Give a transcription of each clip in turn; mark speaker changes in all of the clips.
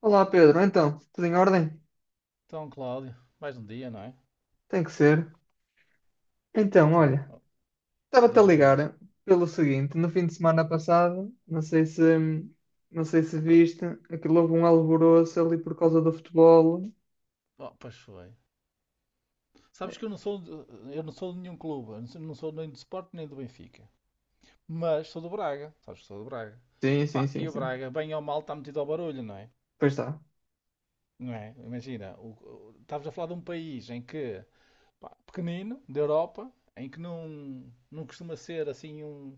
Speaker 1: Olá Pedro, então, tudo em ordem?
Speaker 2: Então, Cláudio, mais um dia, não é?
Speaker 1: Tem que ser. Então,
Speaker 2: Pá,
Speaker 1: olha,
Speaker 2: ó,
Speaker 1: estava-te a
Speaker 2: diz-me coisas.
Speaker 1: ligar pelo seguinte, no fim de semana passado, não sei se viste, aquilo houve um alvoroço ali por causa do futebol.
Speaker 2: Oh, pois foi. Sabes que eu não sou, eu não sou de nenhum clube, eu não sou nem do Sport nem do Benfica, mas sou do Braga, sabes que sou do Braga.
Speaker 1: Sim, sim,
Speaker 2: Pá, e
Speaker 1: sim,
Speaker 2: o
Speaker 1: sim.
Speaker 2: Braga, bem ou mal, está metido ao barulho, não é?
Speaker 1: Pois está.
Speaker 2: Não é? Imagina, estavas a falar de um país em que, pá, pequenino, da Europa, em que não costuma ser assim um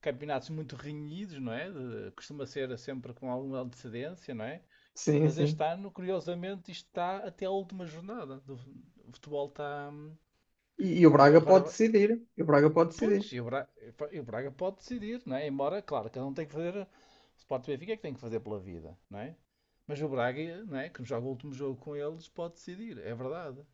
Speaker 2: campeonatos muito renhidos, não é? Costuma ser sempre com alguma antecedência, não é?
Speaker 1: Sim,
Speaker 2: Mas este
Speaker 1: sim.
Speaker 2: ano, curiosamente, isto está até à última jornada. O futebol está,
Speaker 1: E o
Speaker 2: pá, e
Speaker 1: Braga pode
Speaker 2: agora.
Speaker 1: decidir. E o Braga pode decidir.
Speaker 2: Pois, e o Braga pode decidir, não é? Embora, claro, cada um tem que fazer. O Sport Benfica é que tem que fazer pela vida, não é? Mas o Braga, não é? Que joga o último jogo com eles, pode decidir, é verdade.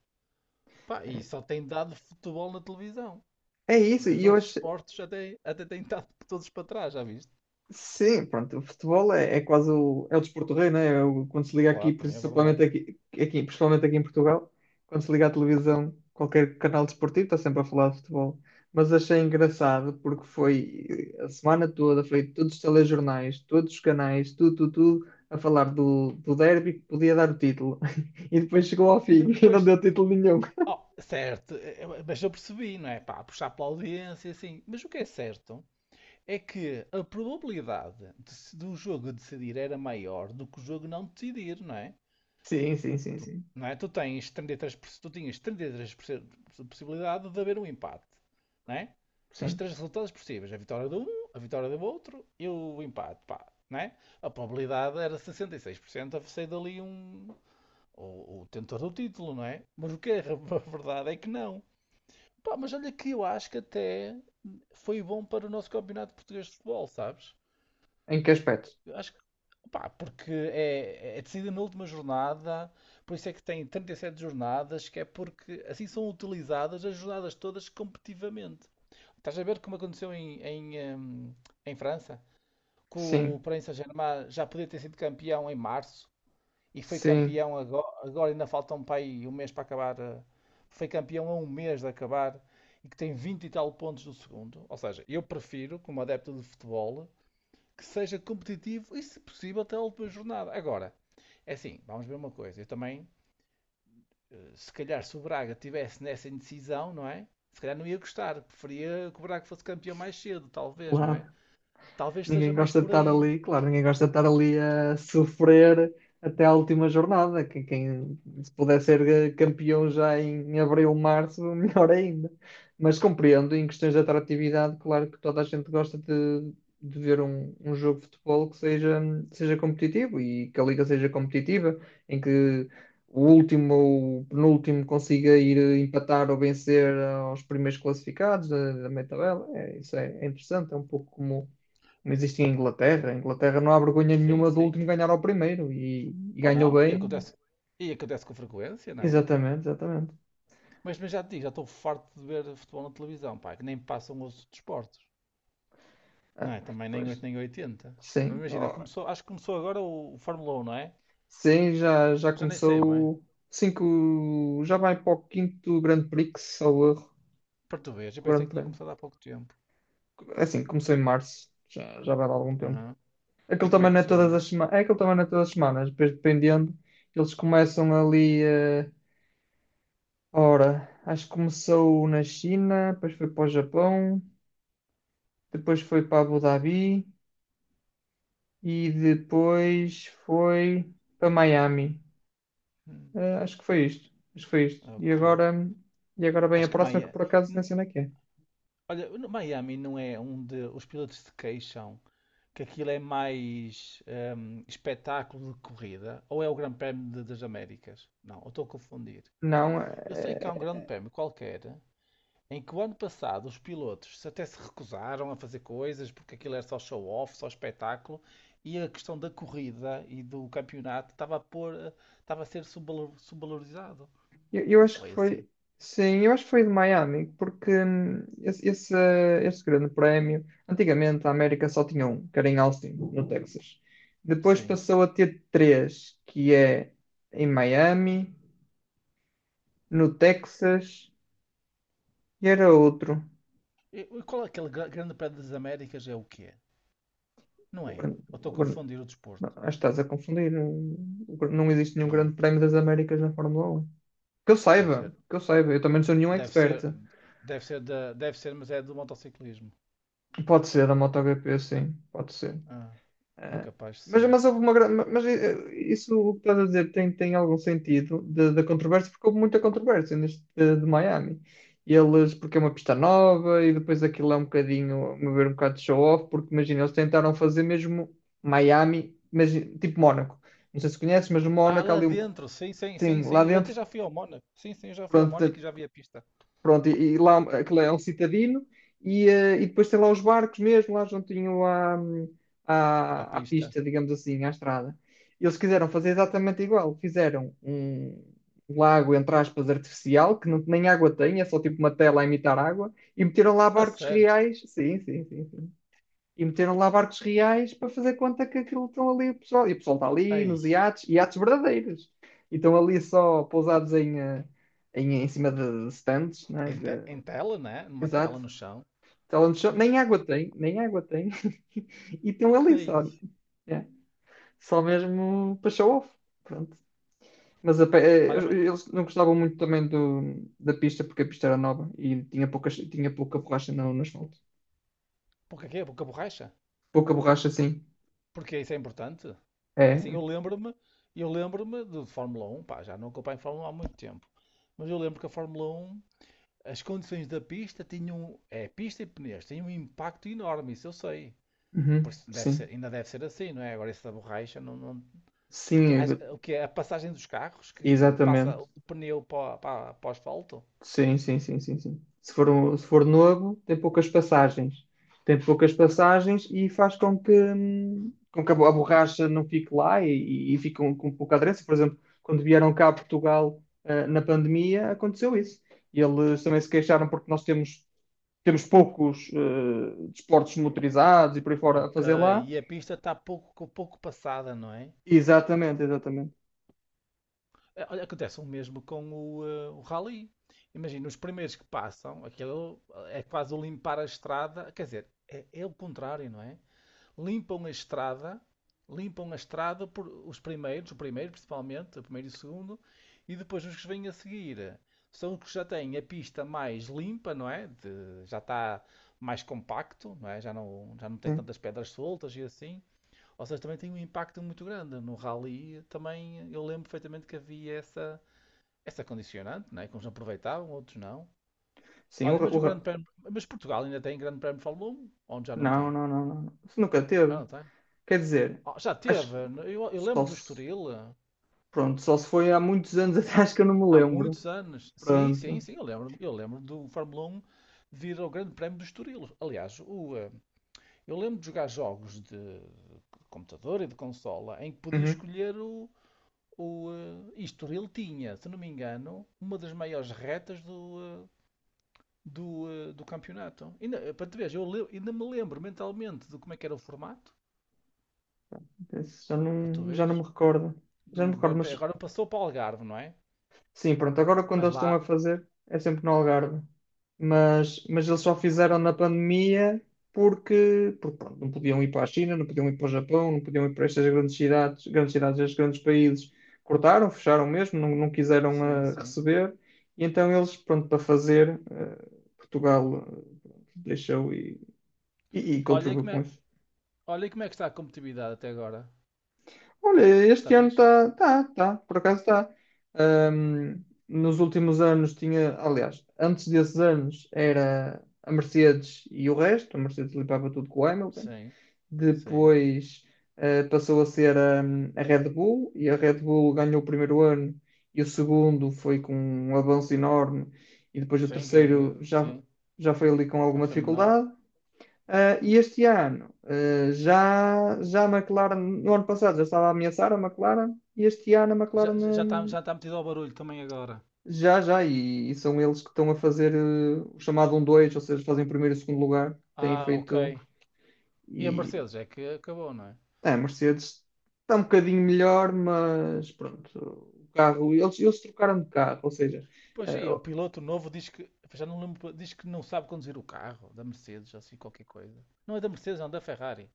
Speaker 2: Pá, e
Speaker 1: É,
Speaker 2: só tem dado futebol na televisão.
Speaker 1: é isso.
Speaker 2: Os
Speaker 1: E eu
Speaker 2: outros
Speaker 1: hoje
Speaker 2: esportes até têm dado todos para trás, já viste?
Speaker 1: sim, pronto, o futebol é quase é o desporto rei, né? Quando se liga aqui,
Speaker 2: Claro, também é verdade.
Speaker 1: principalmente aqui em Portugal, quando se liga à televisão, qualquer canal desportivo está sempre a falar de futebol. Mas achei engraçado porque foi a semana toda, foi todos os telejornais, todos os canais, tudo, a falar do derby que podia dar o título. E depois chegou ao
Speaker 2: E
Speaker 1: fim e não
Speaker 2: depois.
Speaker 1: deu título nenhum.
Speaker 2: Oh, certo, mas eu percebi, não é? Pá, puxar pela audiência, assim. Mas o que é certo é que a probabilidade de se- do jogo decidir era maior do que o jogo não decidir, não é?
Speaker 1: Sim, sim, sim,
Speaker 2: Tu,
Speaker 1: sim.
Speaker 2: não é? Tu tens 33%, tu tinhas 33% de possibilidade de haver um empate, não é? Tens
Speaker 1: Sim.
Speaker 2: três resultados possíveis: a vitória de um, a vitória do outro e o empate, pá, não é? A probabilidade era 66% a sair dali um. O tentor do título, não é? Mas o que é a verdade é que não. Pá, mas olha que eu acho que até foi bom para o nosso campeonato português de futebol, sabes?
Speaker 1: Em que aspecto?
Speaker 2: Eu acho que, pá, porque é, é decidida na última jornada, por isso é que tem 37 jornadas, que é porque assim são utilizadas as jornadas todas competitivamente. Estás a ver como aconteceu em, em França? Que o
Speaker 1: Sim,
Speaker 2: Paris Saint-Germain já podia ter sido campeão em março, e foi
Speaker 1: sim,
Speaker 2: campeão agora ainda falta um pai um mês para acabar. Foi campeão a um mês de acabar e que tem 20 e tal pontos do segundo. Ou seja, eu prefiro, como adepto de futebol, que seja competitivo e, se possível, até a última jornada. Agora, é assim, vamos ver uma coisa. Eu também, eh, se calhar, se o Braga tivesse nessa indecisão, não é? Se calhar não ia gostar. Preferia que o Braga fosse campeão mais cedo, talvez, não é?
Speaker 1: claro.
Speaker 2: Talvez seja
Speaker 1: Ninguém
Speaker 2: mais
Speaker 1: gosta de
Speaker 2: por
Speaker 1: estar
Speaker 2: aí.
Speaker 1: ali, claro, ninguém gosta de estar ali a sofrer até à última jornada. Quem se puder ser campeão já em abril, março, melhor ainda. Mas compreendo, em questões de atratividade, claro que toda a gente gosta de ver um jogo de futebol seja competitivo e que a liga seja competitiva, em que o último ou o penúltimo consiga ir empatar ou vencer aos primeiros classificados da meia tabela. Isso é interessante, é um pouco como não existe em Inglaterra. A Inglaterra não há vergonha
Speaker 2: Sim,
Speaker 1: nenhuma do
Speaker 2: sim.
Speaker 1: último ganhar ao primeiro e
Speaker 2: Pá,
Speaker 1: ganhou
Speaker 2: não.
Speaker 1: bem.
Speaker 2: E acontece com frequência, não é?
Speaker 1: Exatamente, exatamente.
Speaker 2: Mas já te digo, já estou farto de ver futebol na televisão, pá, que nem passam os desportos. Não
Speaker 1: Ah,
Speaker 2: é? Também nem 8
Speaker 1: pois,
Speaker 2: nem oitenta.
Speaker 1: sim.
Speaker 2: Imagina,
Speaker 1: Oh,
Speaker 2: começou, acho que começou agora o Fórmula 1, não é?
Speaker 1: sim, já, já
Speaker 2: Já nem sei bem.
Speaker 1: começou. Cinco, já vai para o quinto Grande Prix, salvo erro.
Speaker 2: Para tu veres, eu
Speaker 1: O
Speaker 2: pensei
Speaker 1: Grande
Speaker 2: que tinha
Speaker 1: Prémio.
Speaker 2: começado há pouco tempo.
Speaker 1: É assim, começou em março, já, já vai dar algum tempo.
Speaker 2: Ah,
Speaker 1: Aquilo
Speaker 2: e como é
Speaker 1: também
Speaker 2: que
Speaker 1: não é
Speaker 2: isso
Speaker 1: todas
Speaker 2: anda?
Speaker 1: as semanas, é aquilo também não é todas as semanas, depois dependendo, eles começam ali. Ora, acho que começou na China, depois foi para o Japão, depois foi para Abu Dhabi e depois foi para Miami.
Speaker 2: Hum,
Speaker 1: Acho que foi isto. Acho que foi isto.
Speaker 2: ok.
Speaker 1: E agora vem a
Speaker 2: Acho que
Speaker 1: próxima que por
Speaker 2: Miami.
Speaker 1: acaso não sei onde é que é.
Speaker 2: Olha, Miami não é onde os pilotos se queixam que aquilo é mais espetáculo de corrida, ou é o Grande Prémio das Américas? Não, eu estou a confundir.
Speaker 1: Não,
Speaker 2: Eu sei que há um
Speaker 1: eh,
Speaker 2: Grande Prémio qualquer em que o ano passado os pilotos até se recusaram a fazer coisas porque aquilo era só show-off, só espetáculo, e a questão da corrida e do campeonato estava a ser subvalorizado.
Speaker 1: eu
Speaker 2: Não
Speaker 1: acho que
Speaker 2: foi assim.
Speaker 1: foi. Sim, eu acho que foi de Miami, porque esse grande prémio, antigamente a América só tinha um, que era em Austin, no Texas. Depois
Speaker 2: Sim.
Speaker 1: passou a ter três, que é em Miami, no Texas, e era outro.
Speaker 2: E qual é aquele Grande Prémio das Américas? É o quê? Não é? Eu estou a confundir o
Speaker 1: Não,
Speaker 2: desporto.
Speaker 1: acho que estás a confundir. Não existe nenhum
Speaker 2: Hum,
Speaker 1: Grande Prémio das Américas na Fórmula um.
Speaker 2: deve ser.
Speaker 1: Que eu saiba. Eu também não sou nenhum
Speaker 2: Deve ser,
Speaker 1: expert.
Speaker 2: deve ser, da, deve ser, mas é do motociclismo.
Speaker 1: Pode ser a MotoGP, sim, pode ser.
Speaker 2: Ah, é
Speaker 1: Eh,
Speaker 2: capaz de ser.
Speaker 1: mas houve uma grande. Mas isso o que estás a dizer tem algum sentido de- da controvérsia, porque houve muita controvérsia neste de Miami. Eles, porque é uma pista nova e depois aquilo é um bocadinho, a meu ver, um bocado de show-off, porque imagina, eles tentaram fazer mesmo Miami, mas tipo Mónaco. Não sei se conheces, mas o
Speaker 2: Ah,
Speaker 1: Mónaco
Speaker 2: lá
Speaker 1: ali,
Speaker 2: dentro, sim, sim, sim,
Speaker 1: sim, lá
Speaker 2: sim. Eu até
Speaker 1: dentro.
Speaker 2: já fui ao Mónaco. Sim, sim, eu já fui ao
Speaker 1: Pronto,
Speaker 2: Mónaco e já vi a pista.
Speaker 1: pronto e lá aquilo é um citadino e depois tem lá os barcos mesmo, lá juntinho à,
Speaker 2: A
Speaker 1: à
Speaker 2: pista.
Speaker 1: pista, digamos assim, à estrada. Eles quiseram fazer exatamente igual. Fizeram um lago, entre aspas, artificial, que não, nem água tem, é só tipo uma tela a imitar água, e meteram lá
Speaker 2: A
Speaker 1: barcos
Speaker 2: sério.
Speaker 1: reais. Sim, sim, sim, sim, e meteram lá barcos reais para fazer conta que aquilo estão ali o pessoal. E o pessoal está ali
Speaker 2: Ei,
Speaker 1: nos iates, iates verdadeiros. E estão ali só pousados em cima de stands, né?
Speaker 2: em,
Speaker 1: De-
Speaker 2: em tela, né? Numa
Speaker 1: exato.
Speaker 2: tela no chão.
Speaker 1: Talent show. Nem água tem, nem água tem. E estão ali
Speaker 2: Ei.
Speaker 1: só. É, só mesmo para show off. Pronto. Mas a pe-
Speaker 2: Olha, mas
Speaker 1: eles não gostavam muito também da pista, porque a pista era nova e tinha pouca borracha no asfalto.
Speaker 2: porquê quê? Porque a borracha?
Speaker 1: Pouca borracha, sim.
Speaker 2: Porque isso é importante. É assim,
Speaker 1: É.
Speaker 2: eu lembro-me de Fórmula 1, pá, já não acompanho Fórmula 1 há muito tempo. Mas eu lembro que a Fórmula 1, as condições da pista tinham. Um, é, pista e pneus têm um impacto enorme, isso eu sei.
Speaker 1: Uhum,
Speaker 2: Porque deve
Speaker 1: sim.
Speaker 2: ser, ainda deve ser assim, não é? Agora isso borracha não. Porque
Speaker 1: Sim,
Speaker 2: o que é? A passagem dos carros que passa
Speaker 1: exatamente.
Speaker 2: o pneu para o asfalto?
Speaker 1: Sim, sim, sim, sim, sim. Se for, um- se for novo, tem poucas passagens. Tem poucas passagens e faz com que com que a bo- a borracha não fique lá e fique com pouca aderência. Por exemplo, quando vieram cá a Portugal, ah, na pandemia, aconteceu isso. E eles também se queixaram porque nós temos, temos poucos, desportos motorizados e por aí fora a
Speaker 2: Ok,
Speaker 1: fazer lá.
Speaker 2: e a pista está pouco, pouco passada, não é?
Speaker 1: Exatamente, exatamente.
Speaker 2: É, olha, acontece o mesmo com o, eh, o rally. Imagina, os primeiros que passam, aquilo é quase o limpar a estrada, quer dizer, é, é o contrário, não é? Limpam a estrada, limpam a estrada por os primeiros, o primeiro principalmente, o primeiro e o segundo, e depois os que vêm a seguir são os que já têm a pista mais limpa, não é? Já está mais compacto, não é? Já não tem
Speaker 1: Sim,
Speaker 2: tantas pedras soltas e assim. Ou seja, também tem um impacto muito grande. No rally também eu lembro perfeitamente que havia essa condicionante, não é? Que uns aproveitavam, outros não.
Speaker 1: sim o,
Speaker 2: Olha,
Speaker 1: ra-
Speaker 2: mas
Speaker 1: o
Speaker 2: o Grande
Speaker 1: ra-
Speaker 2: Prémio, mas Portugal ainda tem Grande Prémio de Fórmula 1? Onde já não
Speaker 1: Não,
Speaker 2: tem?
Speaker 1: não, não, não. Isso nunca
Speaker 2: Já
Speaker 1: teve.
Speaker 2: não tem?
Speaker 1: Quer dizer,
Speaker 2: Oh, já teve.
Speaker 1: acho,
Speaker 2: Eu lembro
Speaker 1: Só
Speaker 2: do
Speaker 1: se,
Speaker 2: Estoril
Speaker 1: pronto, só se foi há muitos anos atrás que eu não me
Speaker 2: há
Speaker 1: lembro.
Speaker 2: muitos anos. Sim, sim,
Speaker 1: Pronto.
Speaker 2: sim, eu lembro. Eu lembro do Fórmula 1 vir ao Grande Prémio do Estoril. Aliás, eu lembro de jogar jogos de computador e de consola em que podia
Speaker 1: Uhum.
Speaker 2: escolher e Estoril tinha, se não me engano, uma das maiores retas do campeonato. Ainda, eh, para tu veres, ainda me lembro mentalmente de como é que era o formato,
Speaker 1: Esse
Speaker 2: para tu
Speaker 1: já não me
Speaker 2: veres,
Speaker 1: recordo. Já não
Speaker 2: do
Speaker 1: me recordo,
Speaker 2: Grande
Speaker 1: mas
Speaker 2: Prémio. Agora passou para o Algarve, não é?
Speaker 1: sim, pronto, agora quando
Speaker 2: Mas
Speaker 1: eles estão a
Speaker 2: lá,
Speaker 1: fazer é sempre no Algarve. Mas eles só fizeram na pandemia porque pronto, não podiam ir para a China, não podiam ir para o Japão, não podiam ir para estas grandes cidades, estes grandes países. Cortaram, fecharam mesmo, não, não quiseram
Speaker 2: sim, sim.
Speaker 1: receber. E então eles, pronto, para fazer, Portugal eh, deixou e
Speaker 2: Olha
Speaker 1: contribuiu
Speaker 2: como
Speaker 1: com
Speaker 2: é,
Speaker 1: isso.
Speaker 2: olha como é que está a competitividade até agora.
Speaker 1: Olha, este
Speaker 2: Está
Speaker 1: ano
Speaker 2: fixe?
Speaker 1: está, tá, por acaso está. Nos últimos anos tinha, aliás, antes desses anos era a Mercedes e o resto, a Mercedes limpava tudo com o Hamilton.
Speaker 2: Sim, sim.
Speaker 1: Depois passou a ser a Red Bull e a Red Bull ganhou o primeiro ano e o segundo foi com um avanço enorme e depois o
Speaker 2: Sim,
Speaker 1: terceiro já,
Speaker 2: sim.
Speaker 1: já foi ali com
Speaker 2: Já
Speaker 1: alguma
Speaker 2: foi menor.
Speaker 1: dificuldade. Ah, e este ano, ah, já a McLaren, no ano passado já estava a ameaçar a McLaren, e este ano a McLaren,
Speaker 2: Já, já, já está, já está metido ao barulho também agora.
Speaker 1: já, e são eles que estão a fazer o chamado um dois, ou seja, fazem primeiro e segundo lugar, têm
Speaker 2: Ah,
Speaker 1: feito,
Speaker 2: ok. E a
Speaker 1: e
Speaker 2: Mercedes é que acabou, não é?
Speaker 1: é, a Mercedes está um bocadinho melhor, mas pronto, o carro, eles trocaram de carro, ou seja,
Speaker 2: Pois
Speaker 1: eh,
Speaker 2: sim, o piloto novo diz que. Já não lembro, diz que não sabe conduzir o carro da Mercedes, assim qualquer coisa. Não é da Mercedes, não, da Ferrari.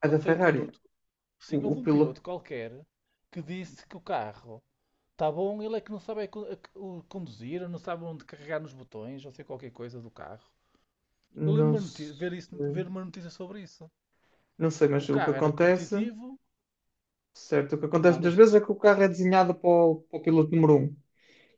Speaker 1: a
Speaker 2: Qual
Speaker 1: da
Speaker 2: foi o
Speaker 1: Ferrari,
Speaker 2: conduto? Sim, houve
Speaker 1: o
Speaker 2: um
Speaker 1: piloto,
Speaker 2: piloto qualquer que disse que o carro. Tá bom, ele é que não sabe é conduzir, não sabe onde carregar nos botões, ou sei qualquer coisa do carro. Eu
Speaker 1: não
Speaker 2: lembro-me de ver, isso,
Speaker 1: sei,
Speaker 2: ver uma notícia sobre isso.
Speaker 1: não sei,
Speaker 2: Que o
Speaker 1: mas o que
Speaker 2: carro era
Speaker 1: acontece.
Speaker 2: competitivo,
Speaker 1: Certo, o que acontece
Speaker 2: nada
Speaker 1: muitas vezes é
Speaker 2: disto.
Speaker 1: que o carro é desenhado para para o piloto número um,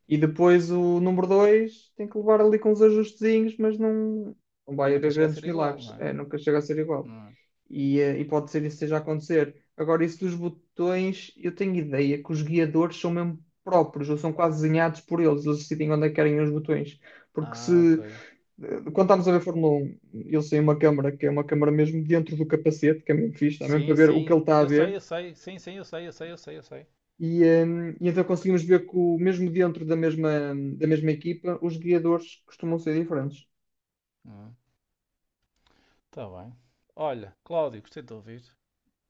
Speaker 1: e depois o número 2 tem que levar ali com os ajustezinhos, mas não, não
Speaker 2: Mas
Speaker 1: vai
Speaker 2: nunca
Speaker 1: haver
Speaker 2: chega a ser
Speaker 1: grandes
Speaker 2: igual, não
Speaker 1: milagres.
Speaker 2: é?
Speaker 1: É, nunca chega a ser igual.
Speaker 2: Hum.
Speaker 1: E e pode ser isso que esteja a acontecer. Agora, isso dos botões, eu tenho ideia que os guiadores são mesmo próprios, ou são quase desenhados por eles, eles decidem onde é que querem os botões. Porque se,
Speaker 2: Ah, ok.
Speaker 1: eh, Quando estamos a ver Fórmula 1, eles têm uma câmara, que é uma câmara mesmo dentro do capacete, que é mesmo fixe, dá mesmo para
Speaker 2: Sim,
Speaker 1: ver o que ele
Speaker 2: sim.
Speaker 1: está a
Speaker 2: Eu sei,
Speaker 1: ver.
Speaker 2: eu sei. Sim, sim, eu sei, eu sei, eu sei, eu sei.
Speaker 1: E e então conseguimos ver que, o, mesmo dentro da mesma equipa, os guiadores costumam ser diferentes.
Speaker 2: Hum. Tá bem. Olha, Cláudio, gostei de te ouvir.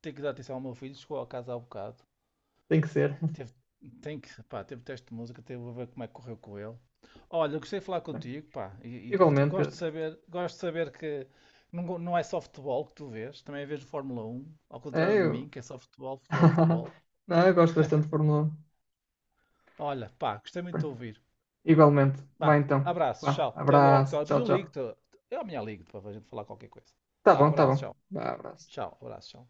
Speaker 2: Tenho que dar atenção ao meu filho, chegou a casa há um bocado.
Speaker 1: Tem que ser.
Speaker 2: Teve, tem que, pá, teve teste de música, teve a ver como é que correu com ele. Olha, eu gostei de falar contigo, pá, e
Speaker 1: Igualmente, Pedro.
Speaker 2: gosto de saber que não, não é só futebol que tu vês, também vês Fórmula 1 ao contrário
Speaker 1: É,
Speaker 2: de
Speaker 1: eu.
Speaker 2: mim, que é só futebol, futebol, futebol.
Speaker 1: Não, eu gosto bastante de Fórmula 1.
Speaker 2: Olha, pá, gostei muito de te ouvir.
Speaker 1: Igualmente. Vai
Speaker 2: Vá,
Speaker 1: então.
Speaker 2: abraço,
Speaker 1: Vá,
Speaker 2: tchau, até logo, tchau.
Speaker 1: abraço.
Speaker 2: Depois
Speaker 1: Tchau,
Speaker 2: eu
Speaker 1: tchau.
Speaker 2: ligo-te, eu amanhã ligo-te para a gente falar qualquer coisa.
Speaker 1: Tá
Speaker 2: Vá,
Speaker 1: bom, tá
Speaker 2: abraço,
Speaker 1: bom.
Speaker 2: tchau,
Speaker 1: Vá, abraço.
Speaker 2: tchau, abraço, tchau.